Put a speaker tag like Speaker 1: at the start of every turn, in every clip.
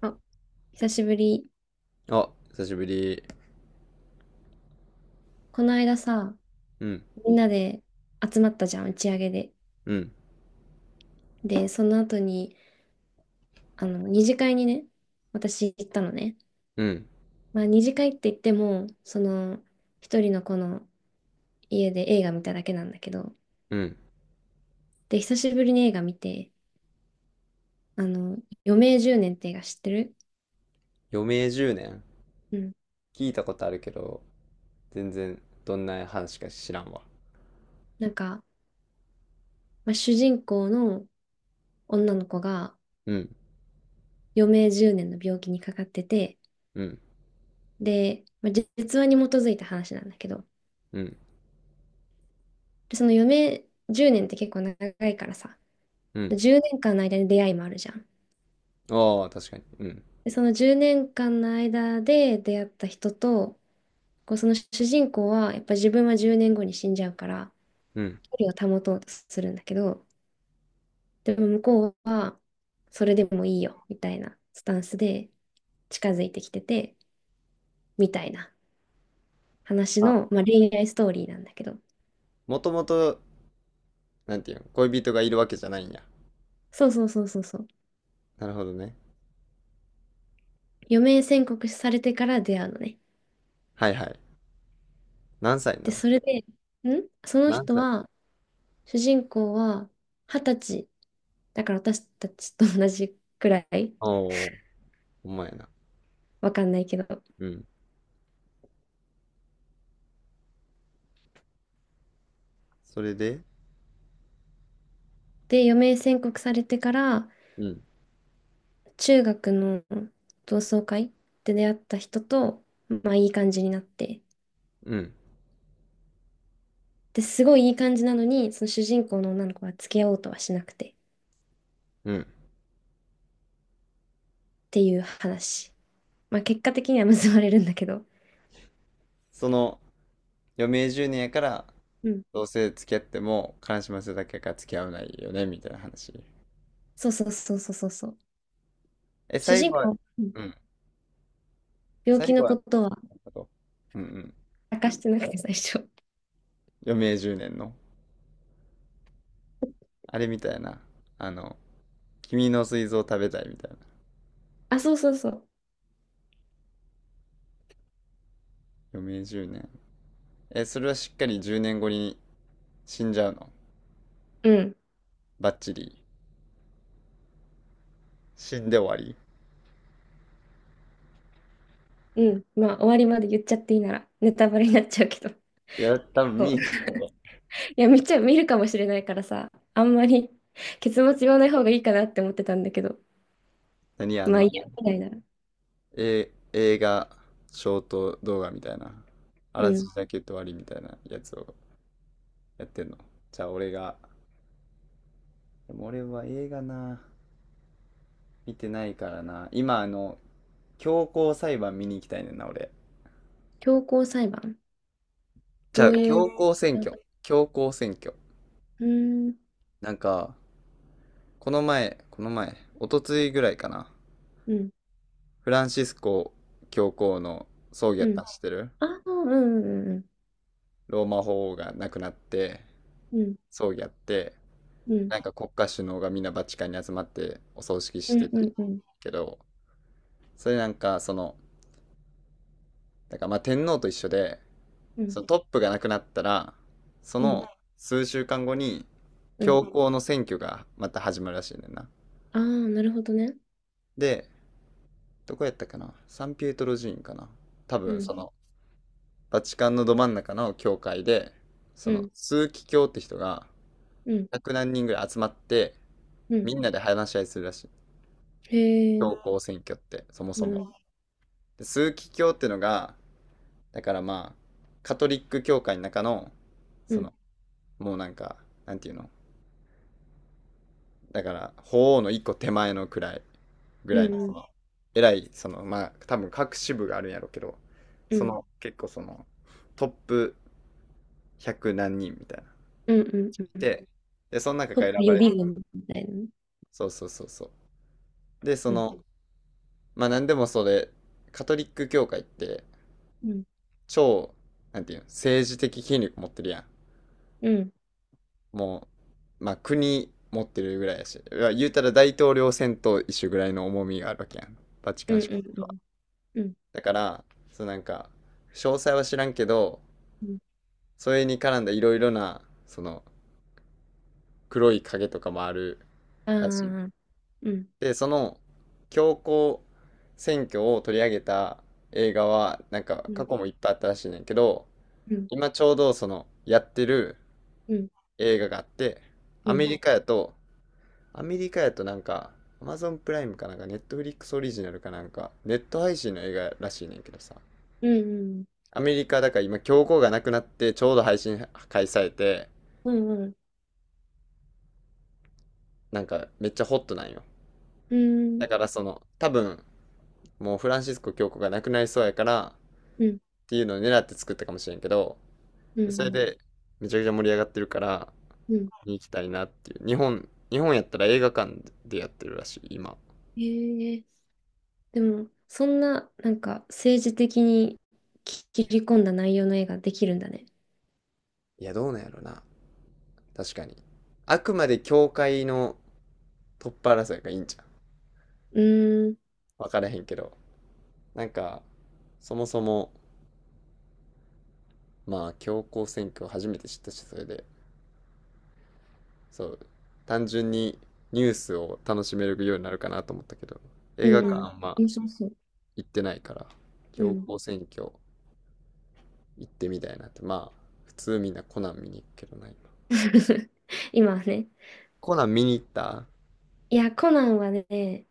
Speaker 1: あ、久しぶり。
Speaker 2: あ、久しぶり。
Speaker 1: この間さ、
Speaker 2: うん、
Speaker 1: みんなで集まったじゃん、打ち上げで。
Speaker 2: うん、
Speaker 1: で、その後に、二次会にね、私行ったのね。
Speaker 2: うん、
Speaker 1: まあ、二次会って言っても、一人の子の家で映画見ただけなんだけど、
Speaker 2: うん。
Speaker 1: で、久しぶりに映画見て、あの、余命10年って映画知ってる？
Speaker 2: 余命10年、
Speaker 1: うん。
Speaker 2: 聞いたことあるけど、全然どんな話か知らんわ。
Speaker 1: なんか、まあ、主人公の女の子が
Speaker 2: うん、
Speaker 1: 余命10年の病気にかかってて、
Speaker 2: うん、
Speaker 1: で、まあ、実話に基づいた話なんだけど、
Speaker 2: うん、
Speaker 1: で、その余命10年って結構長いからさ、
Speaker 2: うん。
Speaker 1: で10年間の間に出会いもあるじゃん。
Speaker 2: ああ、確かに。うん、
Speaker 1: で、その10年間の間で出会った人と、こうその主人公はやっぱ自分は10年後に死んじゃうから、
Speaker 2: うん。
Speaker 1: 距離を保とうとするんだけど、でも向こうはそれでもいいよみたいなスタンスで近づいてきてて、みたいな話
Speaker 2: あ、
Speaker 1: の、まあ、恋愛ストーリーなんだけど、
Speaker 2: もともと、なんていうの、恋人がいるわけじゃないんや。
Speaker 1: そうそうそうそうそう。
Speaker 2: なるほどね。
Speaker 1: 余命宣告されてから出会うのね。
Speaker 2: はいはい。何歳な
Speaker 1: で、
Speaker 2: んす
Speaker 1: そ
Speaker 2: か？
Speaker 1: れで、その
Speaker 2: 何
Speaker 1: 人
Speaker 2: 歳？
Speaker 1: は、主人公は二十歳。だから私たちと同じくらい。
Speaker 2: おお、ほんまやな。
Speaker 1: わかんないけど。
Speaker 2: うん。それで、
Speaker 1: で、余命宣告されてから、
Speaker 2: うん、
Speaker 1: 中学の同窓会で出会った人と、まあいい感じになって。
Speaker 2: うん、
Speaker 1: で、すごいいい感じなのに、その主人公の女の子は付き合おうとはしなくてっ
Speaker 2: うん。
Speaker 1: ていう話。まあ結果的には結ばれるんだけど。
Speaker 2: その、余命10年やから、
Speaker 1: うん。
Speaker 2: どうせ付き合っても、悲しませるだけやから付き合わないよね、みたいな話。
Speaker 1: そうそうそうそうそうそう。
Speaker 2: え、
Speaker 1: 主
Speaker 2: 最
Speaker 1: 人
Speaker 2: 後は、
Speaker 1: 公、うん、
Speaker 2: うん。
Speaker 1: 病
Speaker 2: 最
Speaker 1: 気
Speaker 2: 後
Speaker 1: の
Speaker 2: はな
Speaker 1: こ
Speaker 2: ん
Speaker 1: とは
Speaker 2: かと、うんうん。
Speaker 1: 明かしてなくて最初。
Speaker 2: 余命10年の。あれみたいな。あの、君の膵臓を食べたいみたいな。
Speaker 1: あ、そうそうそう。
Speaker 2: 余命10年。え、それはしっかり10年後に死んじゃうの？
Speaker 1: うん。
Speaker 2: バッチリ。死んで終わり。
Speaker 1: うん、まあ終わりまで言っちゃっていいならネタバレになっちゃうけど。
Speaker 2: いや、多分
Speaker 1: そう、
Speaker 2: 見えへん。
Speaker 1: いや、見ちゃ、見るかもしれないからさ、あんまり結末言わない方がいいかなって思ってたんだけど、
Speaker 2: 何あ
Speaker 1: ま
Speaker 2: の、
Speaker 1: あ
Speaker 2: あ
Speaker 1: いいや、
Speaker 2: れ。
Speaker 1: みたいな。
Speaker 2: え、映画、ショート動画みたいな。あ
Speaker 1: う
Speaker 2: らす
Speaker 1: ん。
Speaker 2: じだけ言って終わりみたいなやつをやってんの。じゃあ俺が、でも俺は映画な。見てないからな。今、あの、強行裁判見に行きたいねんな、俺。
Speaker 1: 強行裁判。
Speaker 2: じ
Speaker 1: ど
Speaker 2: ゃあ、
Speaker 1: うい
Speaker 2: 強
Speaker 1: う、
Speaker 2: 行選
Speaker 1: あう
Speaker 2: 挙。強行選挙。
Speaker 1: ーん、
Speaker 2: なんか、この前、おとついぐらいかな。
Speaker 1: うん、
Speaker 2: フランシスコ教皇の葬儀や
Speaker 1: う
Speaker 2: ったん
Speaker 1: ん。
Speaker 2: 知ってる？
Speaker 1: ああ、うん、うん、
Speaker 2: ローマ法王が亡くなって、
Speaker 1: うん、
Speaker 2: 葬儀やって、
Speaker 1: うん、
Speaker 2: なんか国家首脳がみんなバチカンに集まってお葬式
Speaker 1: う
Speaker 2: して
Speaker 1: ん、
Speaker 2: た
Speaker 1: うん、うん、
Speaker 2: けど、それなんか、その、だからまあ天皇と一緒で、
Speaker 1: うん、
Speaker 2: そのトップがなくなったら、そ
Speaker 1: うん。
Speaker 2: の数週間後に、
Speaker 1: うん、
Speaker 2: 教皇の選挙がまた始まるらしいねんな。
Speaker 1: ああー、なるほどね。
Speaker 2: で、どこやったかな、サンピエトロ寺院かな、多
Speaker 1: う
Speaker 2: 分
Speaker 1: ん、
Speaker 2: その、バチカンのど真ん中の教会で、そ
Speaker 1: う
Speaker 2: の、
Speaker 1: ん、
Speaker 2: 枢機卿って人が、
Speaker 1: うん、
Speaker 2: 100何人ぐらい集まって、
Speaker 1: うん。
Speaker 2: みんなで話し合いするらしい。
Speaker 1: へえ、
Speaker 2: 教皇選挙って、そもそ
Speaker 1: う
Speaker 2: も。
Speaker 1: ん、
Speaker 2: で、枢機卿ってのが、だからまあ、カトリック教会の中の、
Speaker 1: う
Speaker 2: そ
Speaker 1: ん、
Speaker 2: の、もうなんか、なんていうの、だから法皇の一個手前のくらいぐ
Speaker 1: う
Speaker 2: らいの、そ
Speaker 1: ん、
Speaker 2: の偉い、そのまあ多分各支部があるんやろうけど、
Speaker 1: う
Speaker 2: そ
Speaker 1: ん、
Speaker 2: の結構そのトップ100何人みたいな。
Speaker 1: うん、うん、うん。
Speaker 2: ででその中
Speaker 1: ト
Speaker 2: か
Speaker 1: ッ
Speaker 2: ら選
Speaker 1: プ
Speaker 2: ば
Speaker 1: 予
Speaker 2: れる。
Speaker 1: 備軍みたいなね。
Speaker 2: そうそうそうそう。で、そ
Speaker 1: うん
Speaker 2: のまあ何でもそれ、カトリック教会って、
Speaker 1: うん、
Speaker 2: 超なんていうの、政治的権力持ってるやん。
Speaker 1: うん、
Speaker 2: もうまあ国持ってるぐらいやし、いや言うたら大統領選と一緒ぐらいの重みがあるわけやん、バチ
Speaker 1: う
Speaker 2: カン
Speaker 1: ん、
Speaker 2: 市。
Speaker 1: うん、うん、うん、
Speaker 2: だから、そうなんか詳細は知らんけど、
Speaker 1: うん、
Speaker 2: それに絡んだいろいろな、その黒い影とかもある
Speaker 1: あ
Speaker 2: らしい。
Speaker 1: あ、うん、
Speaker 2: で、その教皇選挙を取り上げた映画はなんか
Speaker 1: う
Speaker 2: 過
Speaker 1: ん、
Speaker 2: 去もいっぱいあったらしいねんけど、
Speaker 1: うん、
Speaker 2: 今ちょうどそのやってる
Speaker 1: うん、
Speaker 2: 映画があって、
Speaker 1: う
Speaker 2: アメ
Speaker 1: ん、
Speaker 2: リカやとアメリカやとなんか Amazon プライムかなんか、 Netflix オリジナルかなんか、ネット配信の映画らしいねんけどさ、
Speaker 1: うん、うん、
Speaker 2: アメリカだから今教皇がなくなってちょうど配信開催されて、
Speaker 1: うん、うん、
Speaker 2: なんかめっちゃホットなんよ。だからその多分、もうフランシスコ教皇がなくなりそうやからっていうのを狙って作ったかもしれんけど、
Speaker 1: う
Speaker 2: それ
Speaker 1: ん、
Speaker 2: でめちゃくちゃ盛り上がってるから
Speaker 1: うん、
Speaker 2: 見に行きたいなっていう。日本やったら映画館でやってるらしい、今。
Speaker 1: ええ、でも、そんな、なんか、政治的に切り込んだ内容の映画できるんだね。
Speaker 2: いや、どうなんやろな。確かにあくまで教会のトップ争いがいいんじゃん、
Speaker 1: うーん、
Speaker 2: 分からへんけど。なんかそもそも、まあ教皇選挙を初めて知ったし、それで、そう、単純にニュースを楽しめるようになるかなと思ったけど、
Speaker 1: う
Speaker 2: 映画館
Speaker 1: ん、
Speaker 2: あんま
Speaker 1: 面白そう。
Speaker 2: 行ってないから、
Speaker 1: う
Speaker 2: 強
Speaker 1: ん。
Speaker 2: 行選挙行ってみたいなって。まあ普通みんなコナン見に行くけどな、今。
Speaker 1: 今はね。
Speaker 2: コナン見に行った？
Speaker 1: いや、コナンはね、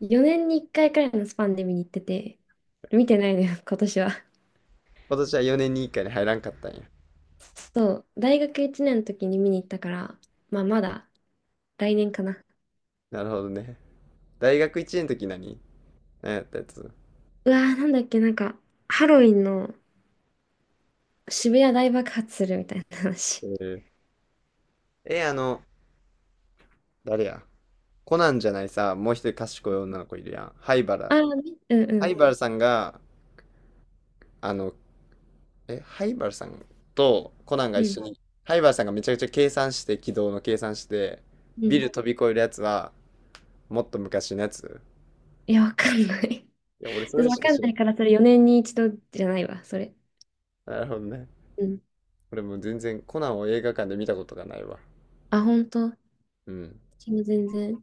Speaker 1: 4年に1回くらいのスパンで見に行ってて、見てないのよ、今年は。
Speaker 2: 今年は4年に1回に入らんかったんや？
Speaker 1: そう、大学1年の時に見に行ったから、まあまだ来年かな。
Speaker 2: なるほどね。大学1年の時、何やったやつ？
Speaker 1: うわー、なんだっけ、なんか、ハロウィンの渋谷大爆発するみたいな話。
Speaker 2: えーえあの誰や、コナンじゃない、さ、もう一人賢い女の子いるやん、灰原
Speaker 1: ああね、うんう
Speaker 2: 灰
Speaker 1: ん、
Speaker 2: 原さんが、あのえ、ハイバルさんとコナンが
Speaker 1: う
Speaker 2: 一緒
Speaker 1: ん、
Speaker 2: に、ハイバルさんがめちゃくちゃ計算して、軌道の計算して、
Speaker 1: う
Speaker 2: ビ
Speaker 1: ん。
Speaker 2: ル飛び越えるやつは、もっと昔のやつ。
Speaker 1: いや、わかんない。
Speaker 2: いや、俺 それ
Speaker 1: わ
Speaker 2: しか
Speaker 1: かん
Speaker 2: 知ら
Speaker 1: ない
Speaker 2: ん。
Speaker 1: から、それ4年に一度じゃないわ、それ。
Speaker 2: なるほどね。
Speaker 1: うん。
Speaker 2: 俺もう全然コナンを映画館で見たことがないわ。
Speaker 1: あ、ほんと。
Speaker 2: うん、
Speaker 1: 私も全然。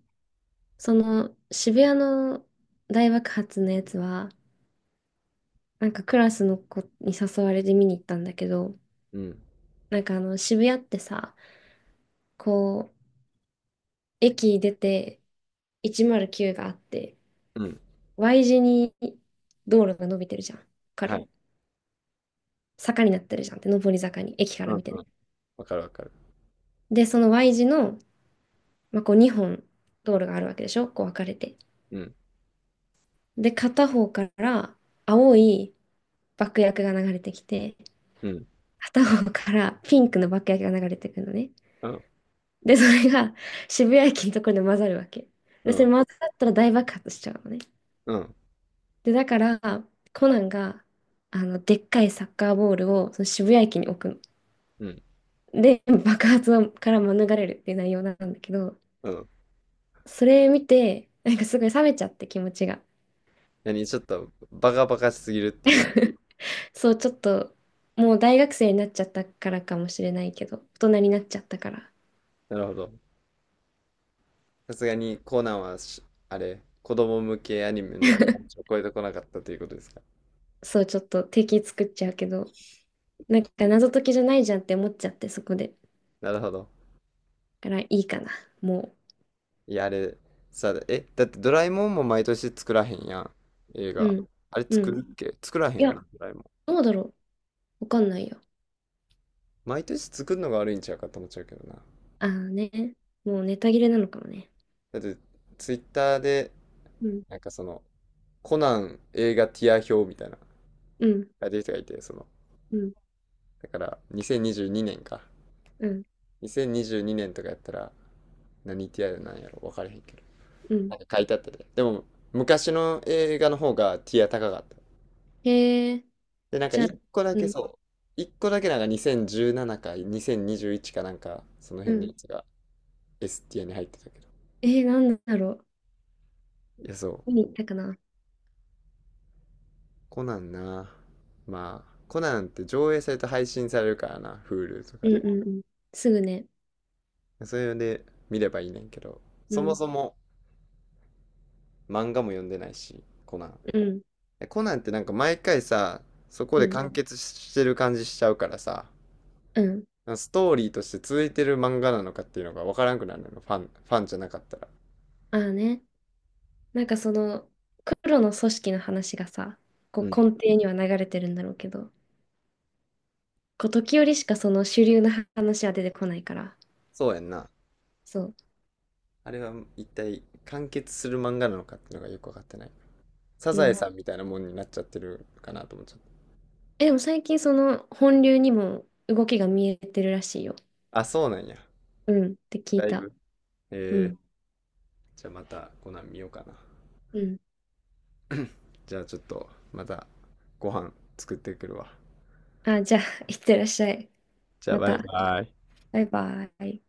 Speaker 1: その、渋谷の大爆発のやつは、なんかクラスの子に誘われて見に行ったんだけど、
Speaker 2: うん、
Speaker 1: なんか渋谷ってさ、こう、駅出て、109があって、
Speaker 2: うん。
Speaker 1: Y 字に道路が伸びてるじゃん。わか
Speaker 2: は
Speaker 1: る？
Speaker 2: い。
Speaker 1: 坂になってるじゃんって、上り坂に、駅か
Speaker 2: う
Speaker 1: ら見
Speaker 2: ん、
Speaker 1: てね。
Speaker 2: うん。わかるわかる。
Speaker 1: で、その Y 字の、まあ、こう2本道路があるわけでしょ、こう分かれて。
Speaker 2: うん、
Speaker 1: で、片方から青い爆薬が流れてきて、
Speaker 2: うん、
Speaker 1: 片方からピンクの爆薬が流れてくるのね。
Speaker 2: うん、
Speaker 1: で、それが渋谷駅のところで混ざるわけ。
Speaker 2: う
Speaker 1: で、それ
Speaker 2: ん、
Speaker 1: 混ざったら大爆発しちゃうのね。
Speaker 2: うん、
Speaker 1: で、だから、コナンが、でっかいサッカーボールをその渋谷駅に置くの。
Speaker 2: うん、
Speaker 1: で、爆発はから免れるっていう内容なんだけど、
Speaker 2: うん。
Speaker 1: それ見て、なんかすごい冷めちゃって気持ちが。
Speaker 2: 何、ちょっとバカバカしすぎるっていう。
Speaker 1: そう、ちょっと、もう大学生になっちゃったからかもしれないけど、大人になっちゃったから、
Speaker 2: なるほど。さすがにコナンはし、あれ、子供向けアニメのを超えてこなかったということですか？
Speaker 1: そう、ちょっと敵作っちゃうけど、なんか謎解きじゃないじゃんって思っちゃって、そこで。
Speaker 2: なるほど。
Speaker 1: だからいいかな、も
Speaker 2: いや、あれ、さ、だってドラえもんも毎年作らへんやん。映
Speaker 1: う。
Speaker 2: 画。
Speaker 1: うん。
Speaker 2: あれ
Speaker 1: う
Speaker 2: 作
Speaker 1: ん。
Speaker 2: るっけ、作らへ
Speaker 1: い
Speaker 2: んよ
Speaker 1: や、
Speaker 2: な、ドラえもん。
Speaker 1: どうだろう。わかんないよ。
Speaker 2: 毎年作るのが悪いんちゃうかと思っちゃうけどな。
Speaker 1: ああね。もうネタ切れなのかもね。
Speaker 2: だって、ツイッターで、
Speaker 1: うん。
Speaker 2: なんかその、コナン映画ティア表みたいな、
Speaker 1: うん。
Speaker 2: 書いてる人がいて、その、
Speaker 1: うん。
Speaker 2: だから、2022年か。
Speaker 1: うん。
Speaker 2: 2022年とかやったら、何ティアなんやろ、分からへんけど。
Speaker 1: う
Speaker 2: な
Speaker 1: ん。
Speaker 2: んか書いてあったで。でも、昔の映画の方がティア高かった。
Speaker 1: へえ、
Speaker 2: で、なんか
Speaker 1: じゃあ、
Speaker 2: 一個だ
Speaker 1: う
Speaker 2: け
Speaker 1: ん。
Speaker 2: そう、一個だけなんか2017か2021かなんか、その
Speaker 1: う
Speaker 2: 辺のや
Speaker 1: ん。
Speaker 2: つが S ティアに入ってたけど。
Speaker 1: なんだろう。
Speaker 2: いや、そ
Speaker 1: 何
Speaker 2: う。
Speaker 1: にったかな。
Speaker 2: コナンな。まあ、コナンって上映されて配信されるからな、Hulu と
Speaker 1: う
Speaker 2: か
Speaker 1: んう
Speaker 2: で。
Speaker 1: んうん。すぐね。
Speaker 2: それで見ればいいねんけど、
Speaker 1: う
Speaker 2: そも
Speaker 1: ん、
Speaker 2: そも漫画も読んでないし、コナン。
Speaker 1: うん、
Speaker 2: コナンってなんか毎回さ、そこ
Speaker 1: う
Speaker 2: で
Speaker 1: ん、
Speaker 2: 完結してる感じしちゃうからさ、
Speaker 1: うん。
Speaker 2: ストーリーとして続いてる漫画なのかっていうのが分からんくなるのよ、ファンじゃなかったら。
Speaker 1: ああね。なんかその、黒の組織の話がさ、こ
Speaker 2: うん。
Speaker 1: う根底には流れてるんだろうけど、こう時折しかその主流の話は出てこないから。
Speaker 2: そうやんな。
Speaker 1: そう。
Speaker 2: あれは一体完結する漫画なのかっていうのがよくわかってない。サ
Speaker 1: う
Speaker 2: ザエ
Speaker 1: ん。
Speaker 2: さんみたいなもんになっちゃってるかなと思っちゃっ
Speaker 1: え、でも最近その本流にも動きが見えてるらしいよ。
Speaker 2: た。あ、そうなんや。
Speaker 1: うん。って聞い
Speaker 2: だい
Speaker 1: た。
Speaker 2: ぶ。
Speaker 1: う
Speaker 2: えー、
Speaker 1: ん。
Speaker 2: じゃあまたコナン見ようかな。
Speaker 1: うん。
Speaker 2: じゃあちょっとまた、ご飯作ってくるわ。
Speaker 1: あ、じゃあ、いってらっしゃい。
Speaker 2: じゃあ
Speaker 1: ま
Speaker 2: バイ
Speaker 1: た。
Speaker 2: バイ。
Speaker 1: バイバイ。